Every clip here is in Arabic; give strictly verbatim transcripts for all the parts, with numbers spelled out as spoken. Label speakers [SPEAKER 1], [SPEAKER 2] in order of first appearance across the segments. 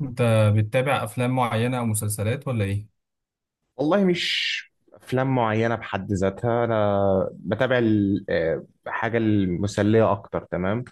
[SPEAKER 1] انت بتتابع افلام معينه او مسلسلات ولا ايه؟
[SPEAKER 2] والله مش افلام معينه بحد ذاتها، انا بتابع ال- آه، حاجه المسليه اكتر. تمام.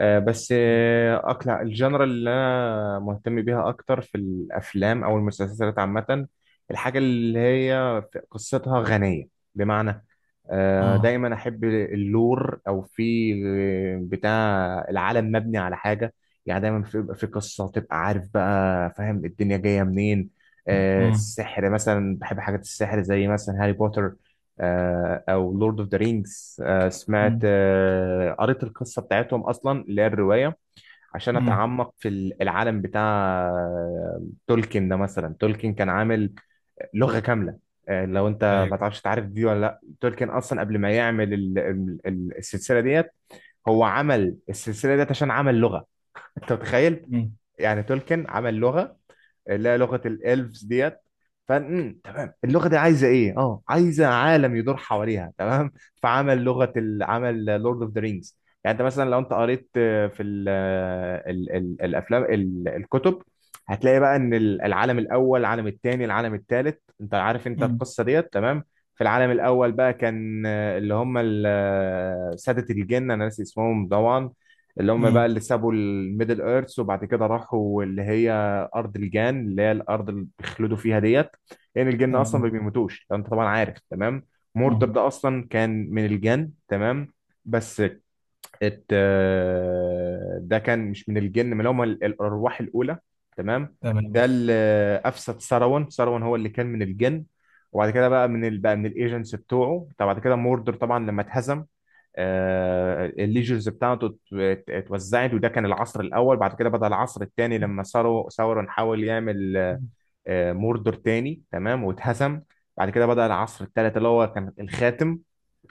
[SPEAKER 2] آه، بس آه، اقلع الجنرال اللي انا مهتم بيها اكتر في الافلام او المسلسلات عامه. الحاجه اللي هي في- قصتها غنيه، بمعنى آه،
[SPEAKER 1] امم.
[SPEAKER 2] دايما احب اللور او في آه، بتاع العالم مبني على حاجه. يعني دايما في- بيبقى في قصه، تبقى عارف بقى فاهم الدنيا جايه منين. آه،
[SPEAKER 1] امم.
[SPEAKER 2] السحر مثلا، بحب حاجات السحر زي مثلا هاري بوتر، آه، او لورد اوف ذا رينجز. سمعت
[SPEAKER 1] امم.
[SPEAKER 2] آه، قريت القصه بتاعتهم اصلا اللي هي الروايه، عشان
[SPEAKER 1] امم.
[SPEAKER 2] اتعمق في العالم بتاع آه، تولكين ده. مثلا تولكين كان عامل لغة كاملة. آه، لو انت ما
[SPEAKER 1] ايوه.
[SPEAKER 2] تعرفش تعرف دي ولا لا، تولكين اصلا قبل ما يعمل ال- ال- ال- السلسلة ديت، هو عمل السلسلة ديت عشان عمل لغة. انت متخيل؟
[SPEAKER 1] امم.
[SPEAKER 2] يعني تولكين عمل لغة، اللي هي لغه الالفز ديت. فن. تمام، اللغه دي عايزه ايه؟ اه، عايزه عالم يدور حواليها. تمام. فعمل لغه ال- عمل لورد اوف ذا رينجز. يعني انت مثلا لو انت قريت آه، في ال آه، ال ال الافلام ال- الكتب، هتلاقي بقى ان ال- العالم الاول، العالم الثاني، العالم الثالث، انت عارف انت
[SPEAKER 1] امم.
[SPEAKER 2] القصه ديت. تمام. في العالم الاول بقى كان آه، اللي هم ال- آه، ساده الجن، انا ناسي اسمهم طبعا. اللي هم بقى
[SPEAKER 1] امم.
[SPEAKER 2] اللي سابوا الميدل ايرث، وبعد كده راحوا اللي هي ارض الجان، اللي هي الارض اللي بيخلدوا فيها ديت. لان يعني الجن اصلا ما
[SPEAKER 1] تمام.
[SPEAKER 2] بيموتوش، لو انت طبعا عارف. تمام. موردر
[SPEAKER 1] امم.
[SPEAKER 2] ده اصلا كان من الجن. تمام. بس ات آه، ده كان مش من الجن، من هم الارواح الاولى. تمام.
[SPEAKER 1] تمام.
[SPEAKER 2] ده اللي افسد سروان. سروان هو اللي كان من الجن. وبعد كده بقى من ال... بقى من الايجنتس بتوعه. طب بعد كده موردر طبعا لما اتهزم، آه، الليجرز بتاعته ات- اتوزعت. وده كان العصر الاول. بعد كده بدأ العصر الثاني لما ثورو- ثورون حاول يعمل آه، موردور تاني. تمام، واتهزم. بعد كده بدأ العصر الثالث اللي هو كان الخاتم.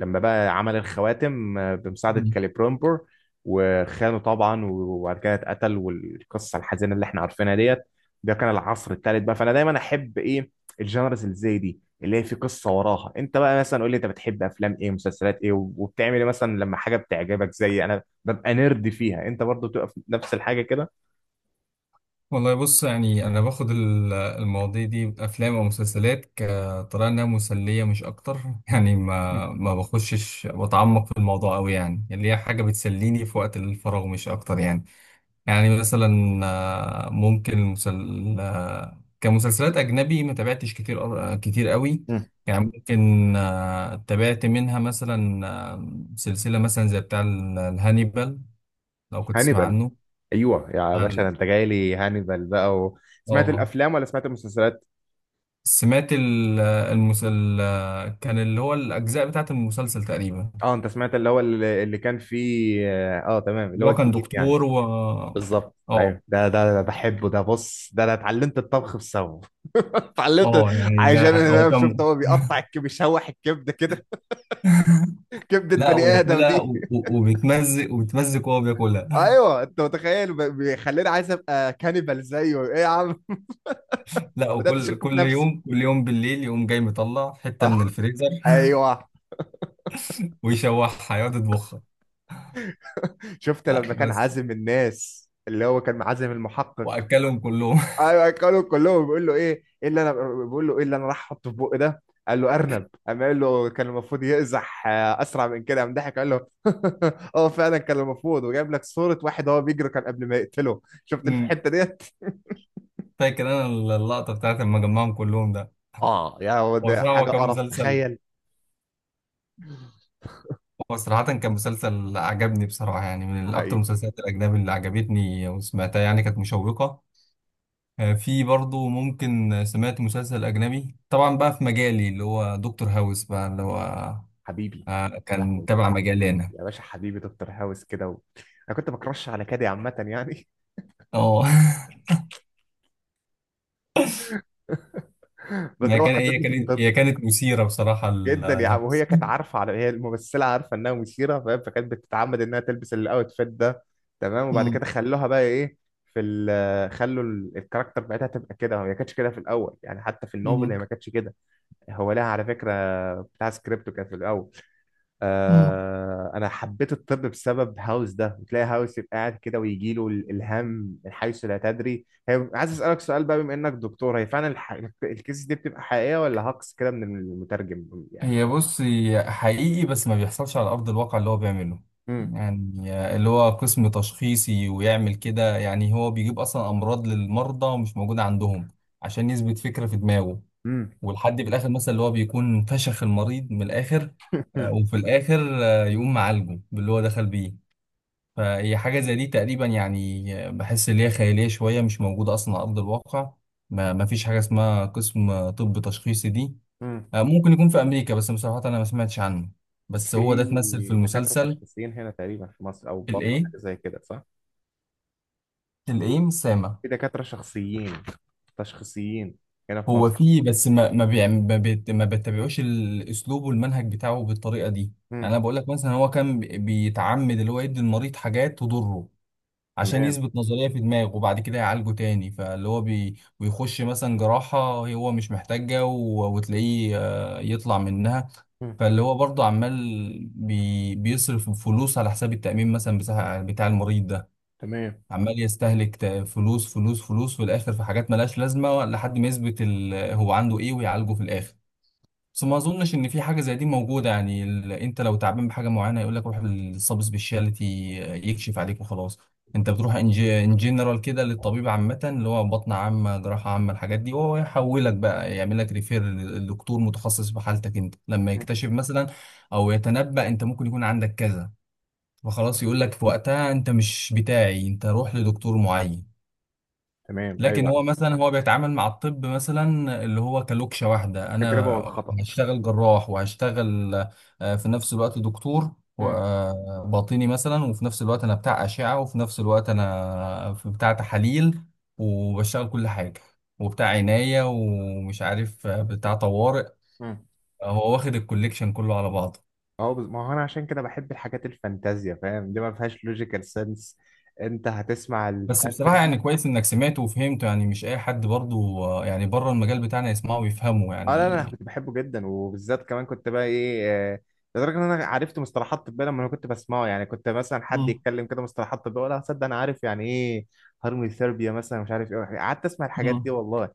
[SPEAKER 2] لما بقى عمل الخواتم آه، بمساعدة
[SPEAKER 1] أمم.
[SPEAKER 2] كاليبرومبور، وخانه طبعا. وبعد كده اتقتل، والقصة الحزينة اللي احنا عارفينها ديت. ده كان العصر الثالث بقى. فانا دايما احب ايه؟ الجانرز اللي زي دي، اللي هي في قصة وراها. انت بقى مثلا قول لي، انت بتحب افلام ايه، مسلسلات ايه، وبتعمل ايه مثلا لما حاجة بتعجبك؟ زي انا ببقى نرد فيها، انت برضو بتبقى في نفس الحاجة كده؟
[SPEAKER 1] والله، بص يعني انا باخد ال- المواضيع دي افلام او مسلسلات كطريقه انها مسليه مش اكتر. يعني ما ما بخشش بتعمق في الموضوع قوي، يعني اللي هي حاجه بتسليني في وقت الفراغ مش اكتر يعني. يعني مثلا آه، ممكن مسل... آه، كمسلسلات أجنبي ما تابعتش كتير، أر- آه، كتير قوي. يعني ممكن آه، تابعت منها مثلا آه، سلسلة مثلا زي بتاع ال- الهانيبال، لو كنت تسمع
[SPEAKER 2] مم.
[SPEAKER 1] عنه.
[SPEAKER 2] ايوه يا
[SPEAKER 1] بتاع
[SPEAKER 2] باشا، ده
[SPEAKER 1] ال-
[SPEAKER 2] انت جاي لي هانيبال بقى و... سمعت
[SPEAKER 1] اه
[SPEAKER 2] الافلام ولا سمعت المسلسلات؟
[SPEAKER 1] سمعت ال- آه، المسل آه، كان اللي هو الأجزاء بتاعت المسلسل تقريبا.
[SPEAKER 2] اه، انت سمعت اللي هو اللي, اللي كان فيه. اه تمام، اللي
[SPEAKER 1] اللي
[SPEAKER 2] هو
[SPEAKER 1] هو كان
[SPEAKER 2] الجديد يعني.
[SPEAKER 1] دكتور و اه
[SPEAKER 2] بالظبط،
[SPEAKER 1] اه
[SPEAKER 2] ايوه، ده ده ده بحبه. ده بص، ده انا اتعلمت الطبخ بسببه. اتعلمت
[SPEAKER 1] آه، يعني
[SPEAKER 2] عشان
[SPEAKER 1] ده هو
[SPEAKER 2] انا شفت
[SPEAKER 1] كان.
[SPEAKER 2] هو بيقطع الكبد، بيشوح الكبده كده. كبده
[SPEAKER 1] لا،
[SPEAKER 2] بني ادم
[SPEAKER 1] وياكلها
[SPEAKER 2] دي!
[SPEAKER 1] و- و- وبيتمزق وبيتمزق وهو بياكلها.
[SPEAKER 2] ايوه انت متخيل؟ ب- بيخليني عايز ابقى كانيبال زيه، ايه يا عم؟
[SPEAKER 1] لا،
[SPEAKER 2] بدات
[SPEAKER 1] وكل
[SPEAKER 2] اشك في
[SPEAKER 1] كل
[SPEAKER 2] نفسي.
[SPEAKER 1] يوم كل يوم بالليل يقوم جاي مطلع حتة
[SPEAKER 2] آه،
[SPEAKER 1] من الفريزر.
[SPEAKER 2] ايوه.
[SPEAKER 1] ويشوحها يقعد يطبخها.
[SPEAKER 2] شفت
[SPEAKER 1] لا
[SPEAKER 2] لما كان
[SPEAKER 1] بس
[SPEAKER 2] عازم الناس، اللي هو كان عازم المحقق؟
[SPEAKER 1] وأكلهم كلهم.
[SPEAKER 2] ايوه اكلوا كلهم. بيقول له ايه ايه اللي انا، بيقول له ايه اللي انا راح احطه في بقي ده؟ قال له ارنب. قام قال له كان المفروض يقزح آه، اسرع من كده. قام ضحك قال له اه فعلا كان المفروض، وجايب لك صورة واحد هو بيجري كان قبل ما يقتله. شفت
[SPEAKER 1] أمم،
[SPEAKER 2] الحتة ديت؟
[SPEAKER 1] فاكر أنا اللقطة بتاعت لما جمعهم كلهم ده.
[SPEAKER 2] اه، يا هو
[SPEAKER 1] هو
[SPEAKER 2] ده
[SPEAKER 1] صراحة هو
[SPEAKER 2] حاجة
[SPEAKER 1] كان
[SPEAKER 2] قرف،
[SPEAKER 1] مسلسل
[SPEAKER 2] تخيل.
[SPEAKER 1] هو صراحة كان مسلسل عجبني بصراحة، يعني من أكتر
[SPEAKER 2] حقيقي.
[SPEAKER 1] المسلسلات الأجنبي اللي عجبتني وسمعتها، يعني كانت مشوقة. آه، في برضه ممكن. سمعت مسلسل أجنبي طبعا بقى في مجالي، اللي هو دكتور هاوس، بقى اللي هو
[SPEAKER 2] حبيبي،
[SPEAKER 1] آه،
[SPEAKER 2] يا
[SPEAKER 1] كان
[SPEAKER 2] لهوي،
[SPEAKER 1] تبع مجالي أنا.
[SPEAKER 2] يا باشا حبيبي، دكتور هاوس كده و... انا كنت بكرش على كادي عامة يعني.
[SPEAKER 1] اه.
[SPEAKER 2] بس ده
[SPEAKER 1] هي
[SPEAKER 2] هو
[SPEAKER 1] كان هي
[SPEAKER 2] حببني في
[SPEAKER 1] كانت
[SPEAKER 2] الطب.
[SPEAKER 1] هي كانت مثيرة بصراحة ال-
[SPEAKER 2] جدا يا عم،
[SPEAKER 1] الهمس.
[SPEAKER 2] وهي كانت عارفه، على هي الممثله عارفه انها مثيره، فاهم؟ فكانت بتتعمد انها تلبس الاوتفيت ده. تمام، وبعد كده
[SPEAKER 1] مم.
[SPEAKER 2] خلوها بقى ايه؟ في ال خلوا ال- الكاركتر بتاعتها تبقى كده، هي ما كانتش كده في الاول يعني، حتى في النوفل هي
[SPEAKER 1] مم.
[SPEAKER 2] ما كانتش كده. هو لها على فكره، بتاع سكريبته كان في الاول.
[SPEAKER 1] مم.
[SPEAKER 2] آه انا حبيت الطب بسبب هاوس ده. بتلاقي هاوس يبقى قاعد كده ويجي له الالهام من حيث لا تدري. هي عايز اسالك سؤال بقى بما انك دكتور، هي فعلا الح... الكيس دي بتبقى حقيقيه ولا هاكس كده من المترجم يعني؟
[SPEAKER 1] هي بص هي حقيقي بس ما بيحصلش على أرض الواقع اللي هو بيعمله. يعني اللي هو قسم تشخيصي ويعمل كده، يعني هو بيجيب أصلا أمراض للمرضى مش موجودة عندهم عشان يثبت فكرة في دماغه.
[SPEAKER 2] امم.
[SPEAKER 1] والحد في الآخر مثلا اللي هو بيكون فشخ المريض من الآخر. آه، وفي الآخر آه، يقوم معالجه باللي هو دخل بيه. فهي حاجة زي دي تقريبا، يعني بحس ان هي خيالية شوية مش موجودة أصلا على أرض الواقع. ما ما فيش حاجة اسمها قسم طب تشخيصي دي.
[SPEAKER 2] امم.
[SPEAKER 1] آه، ممكن يكون في أمريكا، بس بصراحة أنا ما سمعتش عنه.
[SPEAKER 2] بس
[SPEAKER 1] بس هو ده اتمثل في
[SPEAKER 2] في دكاترة
[SPEAKER 1] المسلسل.
[SPEAKER 2] تشخيصيين هنا تقريبا في مصر، أو بطن
[SPEAKER 1] الإيه؟
[SPEAKER 2] حاجة زي كده صح؟
[SPEAKER 1] الإيه سامع؟
[SPEAKER 2] في دكاترة شخصيين تشخيصيين هنا في
[SPEAKER 1] هو
[SPEAKER 2] مصر.
[SPEAKER 1] فيه، بس ما ما بيعم- ما بيت- ما بيتبعوش الأسلوب والمنهج بتاعه بالطريقة دي.
[SPEAKER 2] امم.
[SPEAKER 1] يعني أنا بقول لك مثلا هو كان بي- بيتعمد اللي هو يدي المريض حاجات تضره عشان
[SPEAKER 2] تمام.
[SPEAKER 1] يثبت نظرية في دماغه وبعد كده يعالجه تاني، فاللي هو بي بيخش مثلا جراحة هو مش محتاجها و- وتلاقيه آه، يطلع منها.
[SPEAKER 2] امم.
[SPEAKER 1] فاللي هو برضه عمال بي بيصرف فلوس على حساب التأمين مثلا بتاع بتاع المريض ده.
[SPEAKER 2] تمام.
[SPEAKER 1] عمال يستهلك ت- فلوس فلوس فلوس في الآخر في حاجات ملهاش لازمة لحد ما يثبت ال- هو عنده إيه ويعالجه في الآخر. بس ما اظنش ان في حاجه زي دي موجوده، يعني ال... انت لو تعبان بحاجه معينه يقول لك روح للسب سبيشاليتي يكشف عليك وخلاص. انت بتروح ان جي- إن جنرال كده للطبيب عامه، اللي هو بطن عامه جراحه عامه الحاجات دي، وهو يحولك بقى يعمل لك ريفير لدكتور متخصص في حالتك انت لما
[SPEAKER 2] امم.
[SPEAKER 1] يكتشف مثلا او يتنبأ انت ممكن يكون عندك كذا، فخلاص يقول لك في وقتها انت مش بتاعي، انت روح لدكتور معين.
[SPEAKER 2] تمام.
[SPEAKER 1] لكن
[SPEAKER 2] أيوه،
[SPEAKER 1] هو مثلا هو بيتعامل مع الطب مثلا اللي هو كلوكشة واحدة:
[SPEAKER 2] التجربة
[SPEAKER 1] انا
[SPEAKER 2] والخطأ.
[SPEAKER 1] هشتغل جراح وهشتغل آه، في نفس الوقت دكتور و-
[SPEAKER 2] امم.
[SPEAKER 1] آه، باطني مثلا، وفي نفس الوقت انا بتاع أشعة، وفي نفس الوقت انا في بتاع تحاليل وبشتغل كل حاجة وبتاع عناية ومش عارف آه، بتاع طوارئ.
[SPEAKER 2] امم.
[SPEAKER 1] هو واخد الكوليكشن كله على بعضه.
[SPEAKER 2] أهو بز- ما هو أنا عشان كده بحب الحاجات الفانتازيا، فاهم؟ دي ما فيهاش لوجيكال سنس. أنت هتسمع
[SPEAKER 1] بس بصراحة
[SPEAKER 2] الفانتازي.
[SPEAKER 1] يعني كويس انك سمعته وفهمته، يعني مش اي حد برضو آه، يعني بره المجال بتاعنا يسمعه ويفهمه
[SPEAKER 2] اه لا لا،
[SPEAKER 1] يعني.
[SPEAKER 2] انا كنت بحبه جدا، وبالذات كمان كنت بقى ايه، آه، لدرجه ان انا عرفت مصطلحات طبيه لما انا كنت بسمعه. يعني كنت مثلا حد
[SPEAKER 1] مم.
[SPEAKER 2] يتكلم كده مصطلحات طبيه ولا صدق انا عارف يعني ايه. هرمي ثيرابيا مثلا، مش عارف ايه، قعدت اسمع الحاجات دي والله.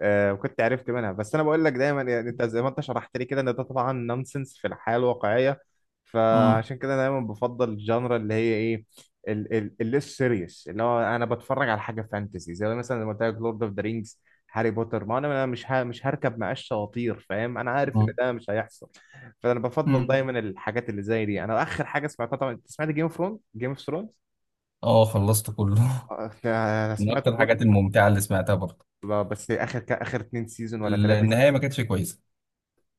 [SPEAKER 2] آه وكنت عرفت منها، بس انا بقول لك دايما يعني، انت زي ما انت شرحت لي كده ان ده طبعا نونسنس في الحياه الواقعيه.
[SPEAKER 1] مم.
[SPEAKER 2] فعشان كده انا دايما بفضل الجانرا اللي هي ايه، الليس سيريس، اللي هو انا بتفرج على حاجه فانتسي زي مثلا زي ما قلت لك لورد اوف ذا رينجز، هاري بوتر. ما انا أنا مش ه... مش هركب معاه الشواطير، فاهم؟ انا عارف ان
[SPEAKER 1] اه.
[SPEAKER 2] ده مش هيحصل. فانا بفضل
[SPEAKER 1] امم.
[SPEAKER 2] دايما الحاجات اللي زي دي. انا اخر حاجه سمعتها طبعا، انت سمعت جيم اوف ثرونز؟ جيم اوف ثرونز.
[SPEAKER 1] آه، خلصته كله.
[SPEAKER 2] انا
[SPEAKER 1] من
[SPEAKER 2] سمعت
[SPEAKER 1] اكتر
[SPEAKER 2] كله.
[SPEAKER 1] الحاجات الممتعه اللي سمعتها برضه.
[SPEAKER 2] لا، بس اخر ك... اخر اتنين سيزون ولا تلاته
[SPEAKER 1] النهايه
[SPEAKER 2] سيزون
[SPEAKER 1] ما كانتش كويسه.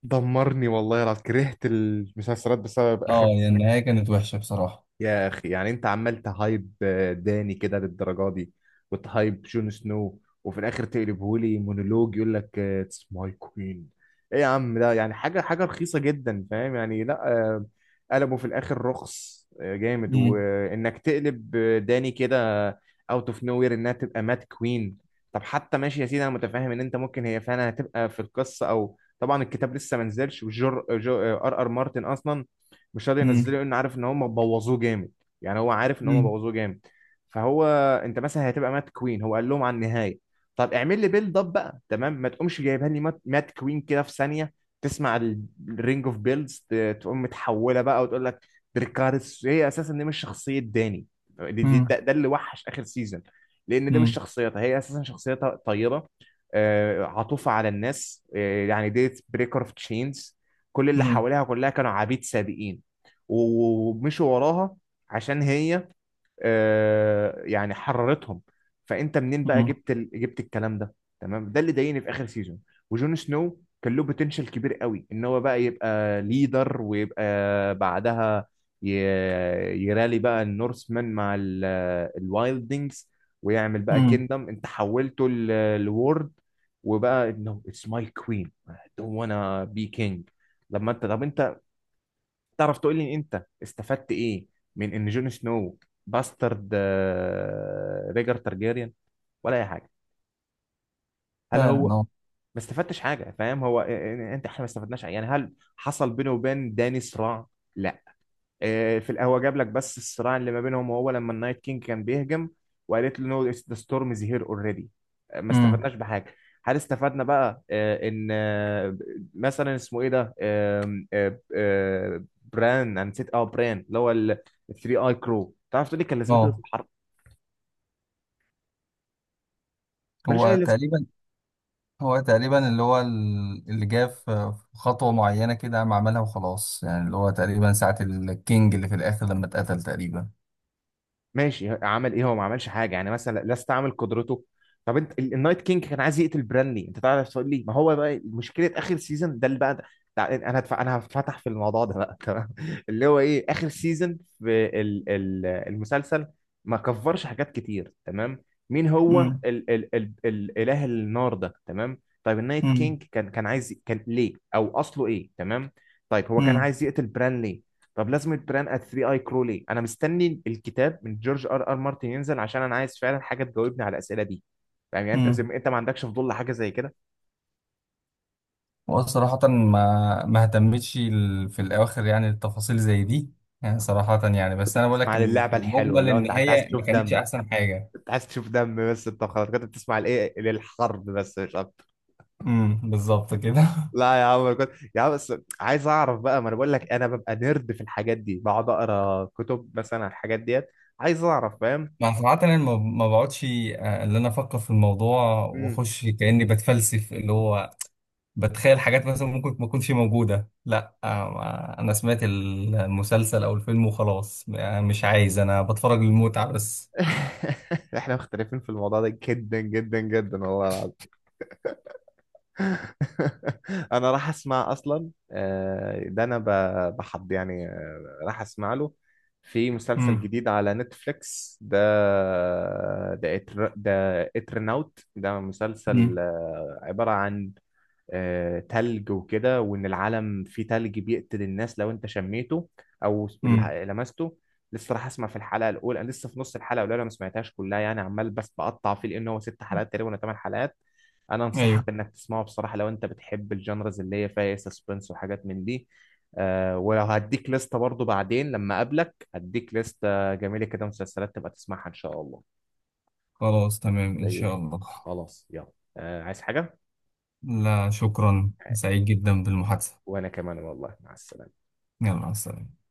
[SPEAKER 2] دمرني والله العظيم، كرهت المسلسلات بسبب اخر.
[SPEAKER 1] اه، يعني النهايه كانت وحشه بصراحه.
[SPEAKER 2] يا اخي، يعني انت عمال تهايب آه، داني كده للدرجه دي، وتهايب جون سنو، وفي الاخر تقلبه لي مونولوج يقول لك اتس ماي كوين. ايه يا عم ده؟ يعني حاجه حاجه رخيصه جدا، فاهم يعني؟ لا آه، قلبه في الاخر رخص آه، جامد،
[SPEAKER 1] امم.
[SPEAKER 2] وانك تقلب آه، داني كده اوت اوف نو وير انها تبقى مات كوين. طب حتى ماشي يا سيدي، انا متفاهم ان انت ممكن هي فعلا هتبقى في القصه، او طبعا الكتاب لسه ما نزلش. وجر جو آه، ار ار مارتن اصلا مش راضي ينزله
[SPEAKER 1] امم.
[SPEAKER 2] لانه عارف ان هم بوظوه جامد. يعني هو عارف ان هم
[SPEAKER 1] امم.
[SPEAKER 2] بوظوه جامد. فهو، انت مثلا هتبقى مات كوين، هو قال لهم على النهايه؟ طب اعمل لي بيلد اب بقى، تمام، ما تقومش جايبها لي مات, مات كوين كده في ثانيه. تسمع الرينج اوف بيلدز، تقوم متحوله بقى وتقول لك دريكارس. هي اساسا دي مش شخصيه داني. دي دي ده, ده اللي وحش اخر سيزون. لان دي مش
[SPEAKER 1] امم.
[SPEAKER 2] شخصيتها، هي اساسا شخصيتها طيبه، آه، عطوفه على الناس، آه، يعني ديت بريكر اوف تشينز. كل اللي
[SPEAKER 1] امم.
[SPEAKER 2] حواليها كلها كانوا عبيد سابقين ومشوا وراها عشان هي آه، يعني حررتهم. فانت منين بقى
[SPEAKER 1] امم.
[SPEAKER 2] جبت ال... جبت الكلام ده؟ تمام، ده اللي ضايقني في اخر سيزون. وجون سنو كان له بوتنشال كبير قوي ان هو بقى يبقى ليدر، ويبقى بعدها ي... يرالي بقى النورسمان مع ال... الوايلدنجز، ويعمل بقى
[SPEAKER 1] امم.
[SPEAKER 2] كيندم. انت حولته ل- لورد، وبقى: no it's my queen, I don't wanna be king. لما انت، طب انت تعرف تقول لي انت استفدت ايه من ان جون سنو باسترد آه، ريجر تارجيريان، ولا اي حاجه؟ هل هو
[SPEAKER 1] فعلا. اه.
[SPEAKER 2] ما استفدتش حاجه، فاهم؟ هو إيه- إيه- انت، احنا ما استفدناش حاجة. يعني هل حصل بينه وبين داني صراع؟ لا. آه، في القهوه جاب لك بس الصراع اللي ما بينهم، وهو لما النايت كينج كان بيهجم وقالت له نو ذا ستورم از هير اوريدي. ما
[SPEAKER 1] امم.
[SPEAKER 2] استفدناش بحاجه. هل استفدنا بقى آه، ان آه، مثلا اسمه ايه ده، آم، آه، آه، بران، انا نسيت. اه، بران اللي هو الثري اي كرو، تعرف تقول لي كان لازمته إيه في
[SPEAKER 1] اه.
[SPEAKER 2] الحرب؟ ملوش
[SPEAKER 1] هو
[SPEAKER 2] اي لازمه.
[SPEAKER 1] تقريبا هو تقريبا اللي هو ال- اللي جه في في خطوه معينه كده قام عملها وخلاص، يعني اللي هو تقريبا ساعه الكينج اللي في الاخر لما اتقتل تقريبا.
[SPEAKER 2] ماشي، عمل ايه هو؟ ما عملش حاجه يعني، مثلا لا استعمل قدرته. طب انت ال- النايت كينج كان عايز يقتل برانلي، انت تعرف تقول لي ما هو بقى؟ مشكله اخر سيزون ده اللي بقى ده. تع- انا هتف... انا هفتح في الموضوع ده بقى، تمام؟ اللي هو ايه اخر سيزون في ال... ال... المسلسل؟ ما كفرش حاجات كتير، تمام. مين هو
[SPEAKER 1] امم.
[SPEAKER 2] ال... ال... ال... الاله النار ده، تمام؟ طيب النايت كينج كان كان عايز، كان ليه او اصله ايه، تمام؟ طيب هو كان عايز يقتل برانلي، طب لازمة بران ات ثري اي كرو ليه؟ انا مستني الكتاب من جورج ار ار مارتن ينزل، عشان انا عايز فعلا حاجة تجاوبني على الأسئلة دي. فاهم يعني؟ انت
[SPEAKER 1] امم.
[SPEAKER 2] زي ما انت، ما عندكش فضول لحاجة زي كده؟
[SPEAKER 1] هو صراحة ما ما اهتمتش ال- في الأواخر يعني التفاصيل زي دي. يعني صراحة يعني،
[SPEAKER 2] أنت كنت
[SPEAKER 1] بس أنا بقول
[SPEAKER 2] بتسمع
[SPEAKER 1] لك
[SPEAKER 2] عن
[SPEAKER 1] إن في
[SPEAKER 2] اللعبة الحلوة،
[SPEAKER 1] المجمل
[SPEAKER 2] اللي هو انت انت عايز
[SPEAKER 1] النهاية ما
[SPEAKER 2] تشوف
[SPEAKER 1] كانتش
[SPEAKER 2] دم.
[SPEAKER 1] أحسن حاجة.
[SPEAKER 2] انت عايز تشوف دم بس، انت خلاص كنت بتسمع لايه للحرب بس مش اكتر.
[SPEAKER 1] امم، بالظبط كده.
[SPEAKER 2] لا يا عم، أنا كنت يا عم بس عايز اعرف بقى، ما انا بقول لك انا ببقى نيرد في الحاجات دي، بقعد اقرا كتب مثلا عن الحاجات ديت. عايز اعرف، فاهم؟
[SPEAKER 1] مع صراحة أنا ما ما بقعدش آه، اللي أنا أفكر في الموضوع
[SPEAKER 2] امم.
[SPEAKER 1] وأخش كأني بتفلسف اللي هو بتخيل حاجات مثلا ممكن ما تكونش موجودة. لا، آه، ما- أنا سمعت المسلسل أو الفيلم وخلاص، يعني مش عايز، أنا بتفرج للمتعة بس.
[SPEAKER 2] احنا مختلفين في الموضوع ده جدا جدا جدا والله. انا راح اسمع اصلا آه، ده انا ب- بحض يعني، آه، راح اسمع له في مسلسل
[SPEAKER 1] امم.
[SPEAKER 2] جديد على نتفليكس ده. ده إتر... ده اترناوت، ده مسلسل
[SPEAKER 1] امم.
[SPEAKER 2] آه، عبارة عن آه، تلج وكده، وان العالم فيه تلج بيقتل الناس لو انت شميته او
[SPEAKER 1] امم.
[SPEAKER 2] ال- لمسته. لسه راح اسمع في الحلقه الاولى، انا لسه في نص الحلقه الاولى، انا ما سمعتهاش كلها يعني، عمال بس بقطع فيه. لان هو ست حلقات تقريبا ولا ثمان حلقات. انا
[SPEAKER 1] ايوه.
[SPEAKER 2] انصحك انك تسمعه بصراحه، لو انت بتحب الجانرز اللي هي فيها سسبنس وحاجات من دي. آه ولو هديك لستة برضو، بعدين لما اقابلك هديك لستة جميلة كده مسلسلات تبقى تسمعها ان شاء الله.
[SPEAKER 1] خلاص تمام إن
[SPEAKER 2] زي
[SPEAKER 1] شاء
[SPEAKER 2] الفل.
[SPEAKER 1] الله.
[SPEAKER 2] خلاص يلا، آه عايز حاجة؟
[SPEAKER 1] لا شكرا، سعيد جدا بالمحادثة.
[SPEAKER 2] وانا كمان والله، مع السلامة.
[SPEAKER 1] يلا مع السلامة.